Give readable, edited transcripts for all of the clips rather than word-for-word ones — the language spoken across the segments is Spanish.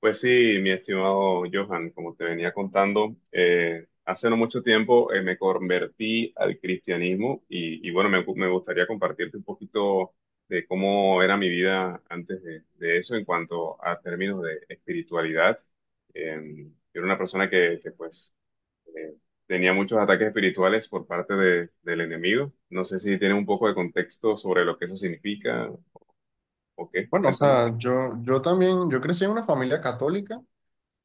Pues sí, mi estimado Johan, como te venía contando, hace no mucho tiempo me convertí al cristianismo y bueno, me gustaría compartirte un poquito de cómo era mi vida antes de eso en cuanto a términos de espiritualidad. Eh, yo era una persona pues eh, tenía muchos ataques espirituales por del enemigo. No sé si tienes un poco de contexto sobre lo que eso significa o qué, Bueno, o cuéntame. sea, yo también, yo crecí en una familia católica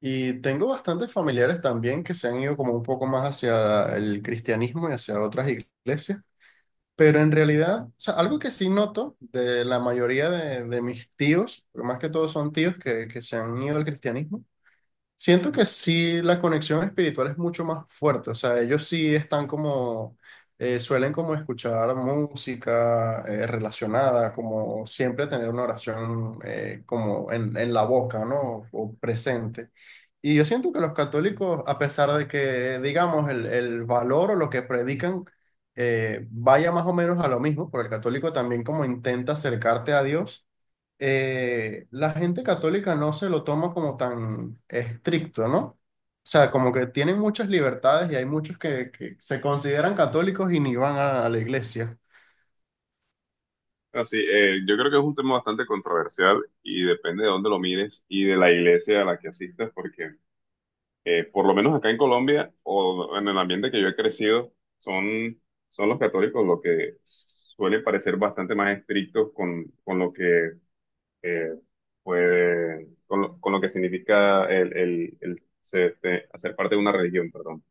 y tengo bastantes familiares también que se han ido como un poco más hacia el cristianismo y hacia otras iglesias, pero en realidad, o sea, algo que sí noto de la mayoría de, mis tíos, porque más que todos son tíos que se han ido al cristianismo. Siento que sí, la conexión espiritual es mucho más fuerte, o sea, ellos sí están como, suelen como escuchar música relacionada, como siempre tener una oración como en la boca, ¿no? O presente. Y yo siento que los católicos, a pesar de que, digamos, el valor o lo que predican vaya más o menos a lo mismo, porque el católico también como intenta acercarte a Dios, la gente católica no se lo toma como tan estricto, ¿no? O sea, como que tienen muchas libertades y hay muchos que se consideran católicos y ni van a la iglesia. Así, yo creo que es un tema bastante controversial y depende de dónde lo mires y de la iglesia a la que asistas, porque por lo menos acá en Colombia o en el ambiente que yo he crecido, son, son los católicos los que suelen parecer bastante más estrictos con lo que eh, con lo que significa el ser, este, hacer parte de una religión, perdón.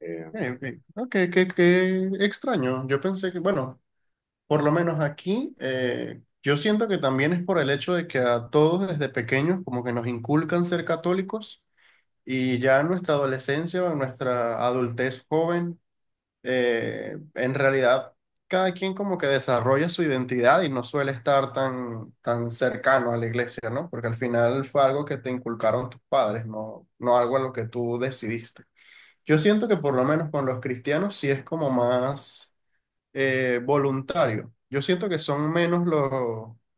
Eh, ok. No, qué, qué extraño. Yo pensé que, bueno, por lo menos aquí, yo siento que también es por el hecho de que a todos desde pequeños como que nos inculcan ser católicos, y ya en nuestra adolescencia o en nuestra adultez joven, en realidad cada quien como que desarrolla su identidad y no suele estar tan, tan cercano a la iglesia, ¿no? Porque al final fue algo que te inculcaron tus padres, no, no algo a lo que tú decidiste. Yo siento que por lo menos con los cristianos sí es como más, voluntario. Yo siento que son menos los,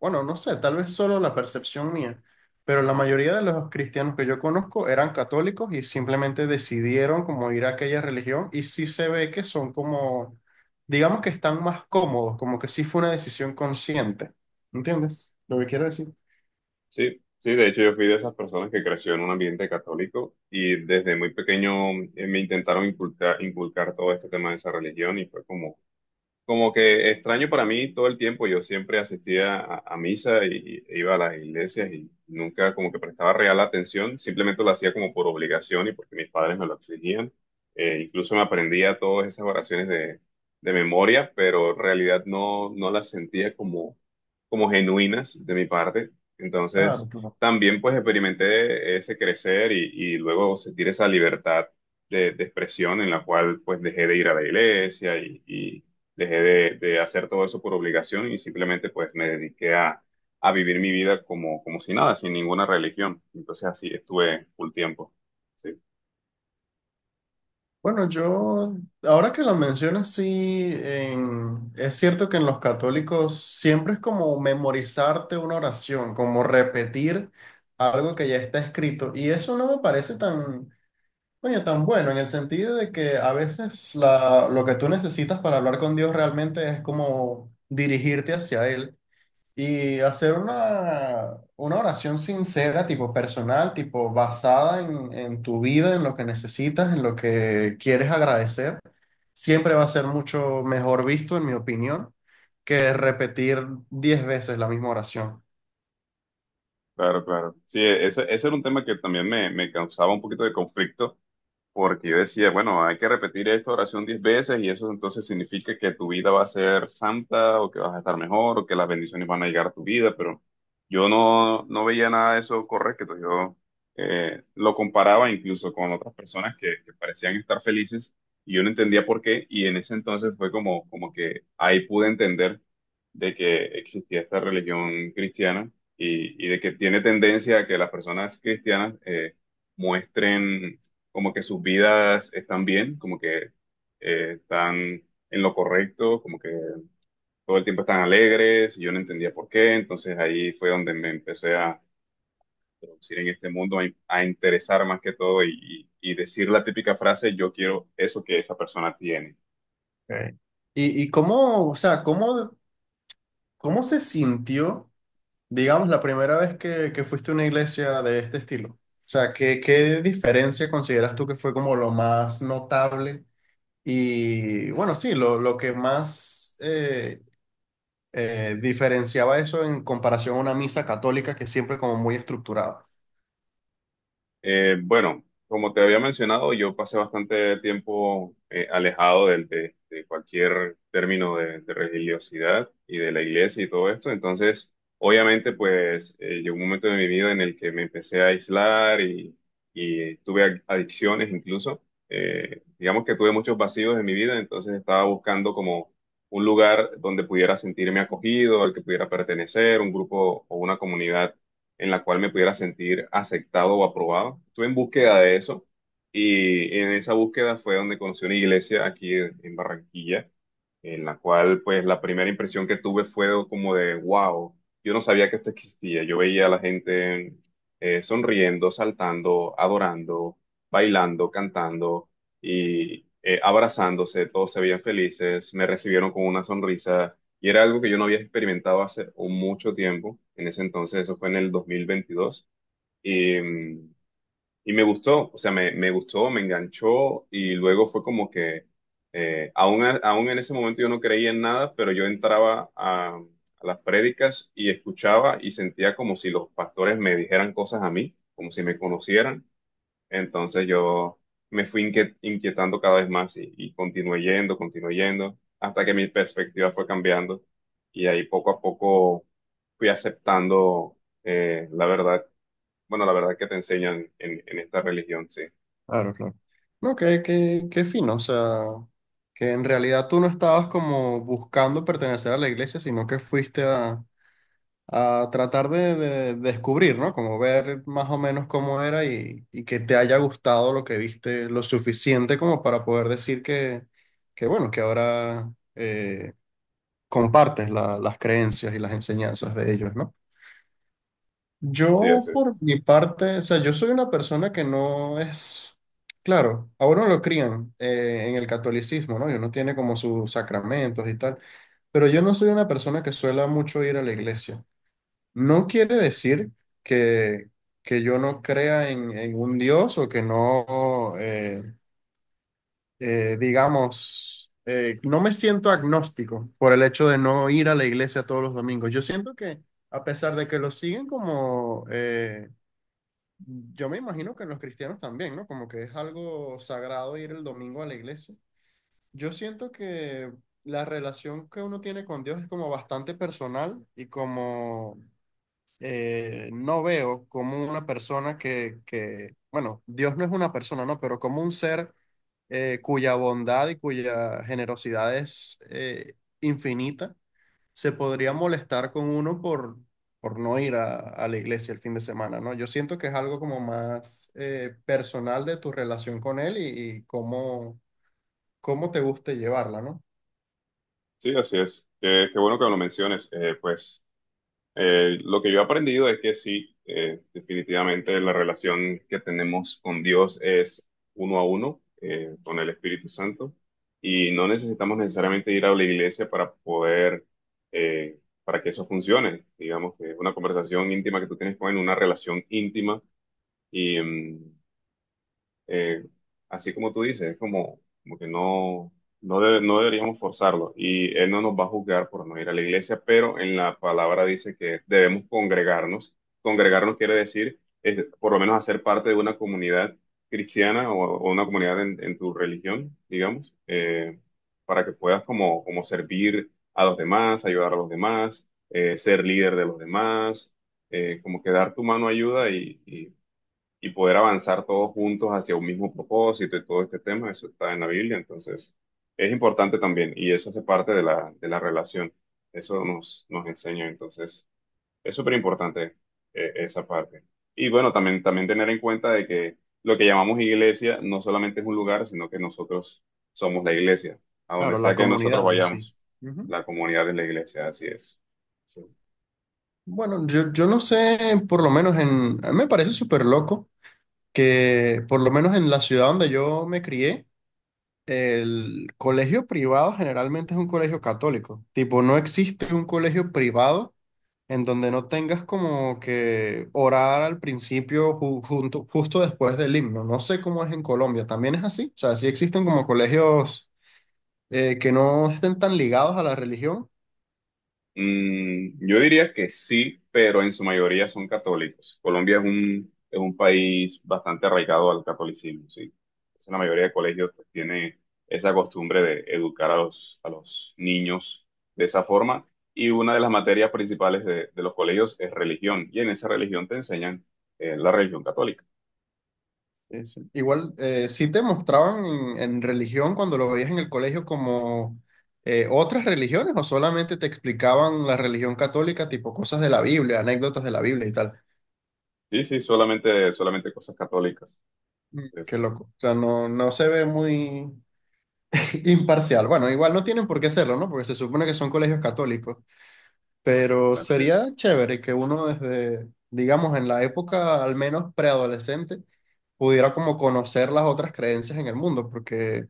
bueno, no sé, tal vez solo la percepción mía, pero la mayoría de los cristianos que yo conozco eran católicos y simplemente decidieron como ir a aquella religión y sí se ve que son como, digamos que están más cómodos, como que sí fue una decisión consciente. ¿Entiendes lo que quiero decir? Sí, sí, de hecho yo fui de esas personas que creció en un ambiente católico y desde muy pequeño me intentaron inculcar todo este tema de esa religión y fue como como que extraño para mí todo el tiempo. Yo siempre asistía a misa y iba a las iglesias y nunca como que prestaba real atención, simplemente lo hacía como por obligación y porque mis padres me lo exigían. Incluso me aprendía todas esas oraciones de memoria, pero en realidad no las sentía como, como genuinas de mi parte. Claro, Entonces claro. también pues experimenté ese crecer y luego sentir esa libertad de expresión en la cual pues dejé de ir a la iglesia dejé de hacer todo eso por obligación y simplemente pues me dediqué a vivir mi vida como, como si nada, sin ninguna religión. Entonces así estuve full tiempo. Sí, Bueno, yo, ahora que lo mencionas, sí, es cierto que en los católicos siempre es como memorizarte una oración, como repetir algo que ya está escrito. Y eso no me parece tan, coño, tan bueno, en el sentido de que a veces lo que tú necesitas para hablar con Dios realmente es como dirigirte hacia Él y hacer una oración sincera, tipo personal, tipo basada en tu vida, en lo que necesitas, en lo que quieres agradecer. Siempre va a ser mucho mejor visto, en mi opinión, que repetir 10 veces la misma oración. claro, claro. Sí, ese, ese era un tema que también me causaba un poquito de conflicto porque yo decía, bueno, hay que repetir esta oración diez veces y eso entonces significa que tu vida va a ser santa o que vas a estar mejor o que las bendiciones van a llegar a tu vida, pero yo no veía nada de eso correcto. Yo lo comparaba incluso con otras personas que parecían estar felices y yo no entendía por qué, y en ese entonces fue como, como que ahí pude entender de que existía esta religión cristiana y de que tiene tendencia a que las personas cristianas... muestren como que sus vidas están bien, como que están en lo correcto, como que todo el tiempo están alegres, y yo no entendía por qué, entonces ahí fue donde me empecé a introducir en este mundo, a interesar más que todo y decir la típica frase: yo quiero eso que esa persona tiene. Ok. Y cómo, o sea, cómo, cómo se sintió, digamos, la primera vez que fuiste a una iglesia de este estilo? O sea, ¿qué, qué diferencia consideras tú que fue como lo más notable? Y bueno, sí, lo que más diferenciaba eso en comparación a una misa católica que es siempre como muy estructurada. Bueno, como te había mencionado, yo pasé bastante tiempo alejado de cualquier término de religiosidad y de la iglesia y todo esto. Entonces, obviamente, pues llegó un momento de mi vida en el que me empecé a aislar y tuve adicciones incluso. Digamos que tuve muchos vacíos en mi vida, entonces estaba buscando como un lugar donde pudiera sentirme acogido, al que pudiera pertenecer, un grupo o una comunidad en la cual me pudiera sentir aceptado o aprobado. Estuve en búsqueda de eso y en esa búsqueda fue donde conocí una iglesia aquí en Barranquilla, en la cual pues la primera impresión que tuve fue como de wow, yo no sabía que esto existía, yo veía a la gente sonriendo, saltando, adorando, bailando, cantando y abrazándose, todos se veían felices, me recibieron con una sonrisa y era algo que yo no había experimentado hace mucho tiempo. En ese entonces eso fue en el 2022 y... mm, y me gustó, o sea, me gustó, me enganchó y luego fue como que, aún en ese momento yo no creía en nada, pero yo entraba a las prédicas y escuchaba y sentía como si los pastores me dijeran cosas a mí, como si me conocieran. Entonces yo me fui inquietando cada vez más y continué yendo, hasta que mi perspectiva fue cambiando y ahí poco a poco fui aceptando la verdad, bueno, la verdad que te enseñan en esta religión, sí, Claro, claro. No, qué, qué, qué fino, o sea, que en realidad tú no estabas como buscando pertenecer a la iglesia, sino que fuiste a tratar de descubrir, ¿no? Como ver más o menos cómo era, y que te haya gustado lo que viste lo suficiente como para poder decir que bueno, que ahora... compartes las creencias y las enseñanzas de ellos, ¿no? sí, Yo, así por es. mi parte, o sea, yo soy una persona que no es, claro, a uno lo crían en el catolicismo, ¿no? Y uno tiene como sus sacramentos y tal, pero yo no soy una persona que suela mucho ir a la iglesia. No quiere decir que, que yo no crea en un Dios o que no, digamos, no me siento agnóstico por el hecho de no ir a la iglesia todos los domingos. Yo siento que, a pesar de que lo siguen como, yo me imagino que los cristianos también, ¿no? Como que es algo sagrado ir el domingo a la iglesia. Yo siento que la relación que uno tiene con Dios es como bastante personal, y como no veo como una persona que, bueno, Dios no es una persona, ¿no? Pero como un ser cuya bondad y cuya generosidad es, infinita, se podría molestar con uno por no ir a la iglesia el fin de semana, ¿no? Yo siento que es algo como más personal de tu relación con él, y cómo, cómo te guste llevarla, ¿no? Sí, así es. Qué, qué bueno que lo menciones. Lo que yo he aprendido es que sí, definitivamente la relación que tenemos con Dios es uno a uno, con el Espíritu Santo, y no necesitamos necesariamente ir a la iglesia para poder, eh, para que eso funcione. Digamos que es una conversación íntima que tú tienes con él, una relación íntima, y, mm, eh, así como tú dices, es como, como que no, no deberíamos forzarlo y Él no nos va a juzgar por no ir a la iglesia, pero en la palabra dice que debemos congregarnos. Congregarnos quiere decir, por lo menos hacer parte de una comunidad cristiana o una comunidad en tu religión, digamos, para que puedas como, como servir a los demás, ayudar a los demás, ser líder de los demás, como que dar tu mano ayuda y poder avanzar todos juntos hacia un mismo propósito y todo este tema. Eso está en la Biblia, entonces es importante también y eso hace parte de de la relación, eso nos enseña, entonces es súper importante esa parte. Y bueno, también, también tener en cuenta de que lo que llamamos iglesia no solamente es un lugar, sino que nosotros somos la iglesia, a donde Claro, la sea que nosotros comunidad en sí. vayamos, Ujú. la comunidad es la iglesia, así es. Sí. Bueno, yo no sé, por lo menos en, a mí me parece súper loco que por lo menos en la ciudad donde yo me crié, el colegio privado generalmente es un colegio católico. Tipo, no existe un colegio privado en donde no tengas como que orar al principio junto, justo después del himno. No sé cómo es en Colombia, también es así. O sea, sí existen como colegios que no estén tan ligados a la religión. Yo diría que sí, pero en su mayoría son católicos. Colombia es un país bastante arraigado al catolicismo, sí. Entonces, la mayoría de colegios pues, tiene esa costumbre de educar a los niños de esa forma. Y una de las materias principales de los colegios es religión. Y en esa religión te enseñan la religión católica. Sí, sí. Igual, ¿sí te mostraban en religión cuando lo veías en el colegio como otras religiones, o solamente te explicaban la religión católica, tipo cosas de la Biblia, anécdotas de la Biblia y tal? Sí, sí, solamente, solamente cosas católicas. Mm, qué Entonces, loco. O sea, no, no se ve muy imparcial. Bueno, igual no tienen por qué hacerlo, ¿no? Porque se supone que son colegios católicos. Pero entonces, sería chévere que uno desde, digamos, en la época al menos preadolescente, pudiera como conocer las otras creencias en el mundo, porque,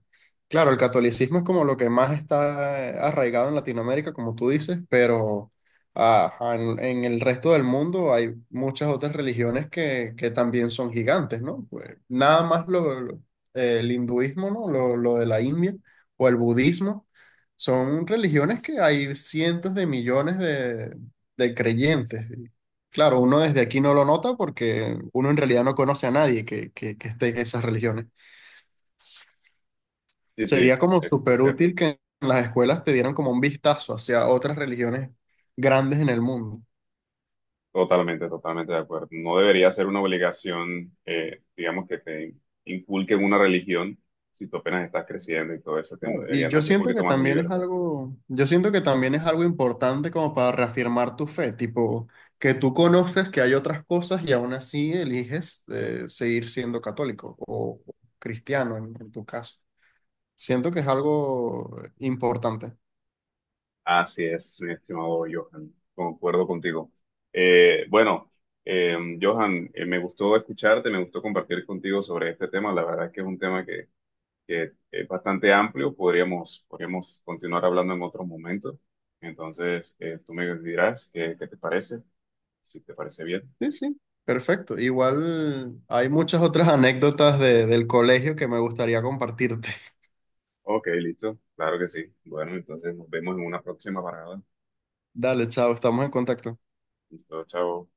claro, el catolicismo es como lo que más está arraigado en Latinoamérica, como tú dices, pero ajá, en el resto del mundo hay muchas otras religiones que también son gigantes, ¿no? Pues, nada más el hinduismo, ¿no? Lo de la India, o el budismo, son religiones que hay cientos de millones de creyentes. Y claro, uno desde aquí no lo nota porque uno en realidad no conoce a nadie que, que esté en esas religiones. sí, sí, Sería como es súper cierto. útil que en las escuelas te dieran como un vistazo hacia otras religiones grandes en el mundo. Totalmente, totalmente de acuerdo. No debería ser una obligación, digamos, que te inculquen una religión si tú apenas estás creciendo y todo ese tema. Y Deberían yo darte un siento poquito que más de también es libertad. algo, yo siento que también es algo importante como para reafirmar tu fe, tipo que tú conoces que hay otras cosas y aún así eliges seguir siendo católico o cristiano en tu caso. Siento que es algo importante. Así es, mi estimado Johan. Concuerdo contigo. Eh, bueno, Johan, me gustó escucharte, me gustó compartir contigo sobre este tema. La verdad es que es un tema que es bastante amplio. Podríamos, podríamos continuar hablando en otro momento. Entonces, tú me dirás qué, qué te parece, si te parece bien. Sí, sí, perfecto. Igual hay muchas otras anécdotas del colegio que me gustaría compartirte. Ok, listo. Claro que sí. Bueno, entonces nos vemos en una próxima parada. Dale, chao, estamos en contacto. Listo, chao.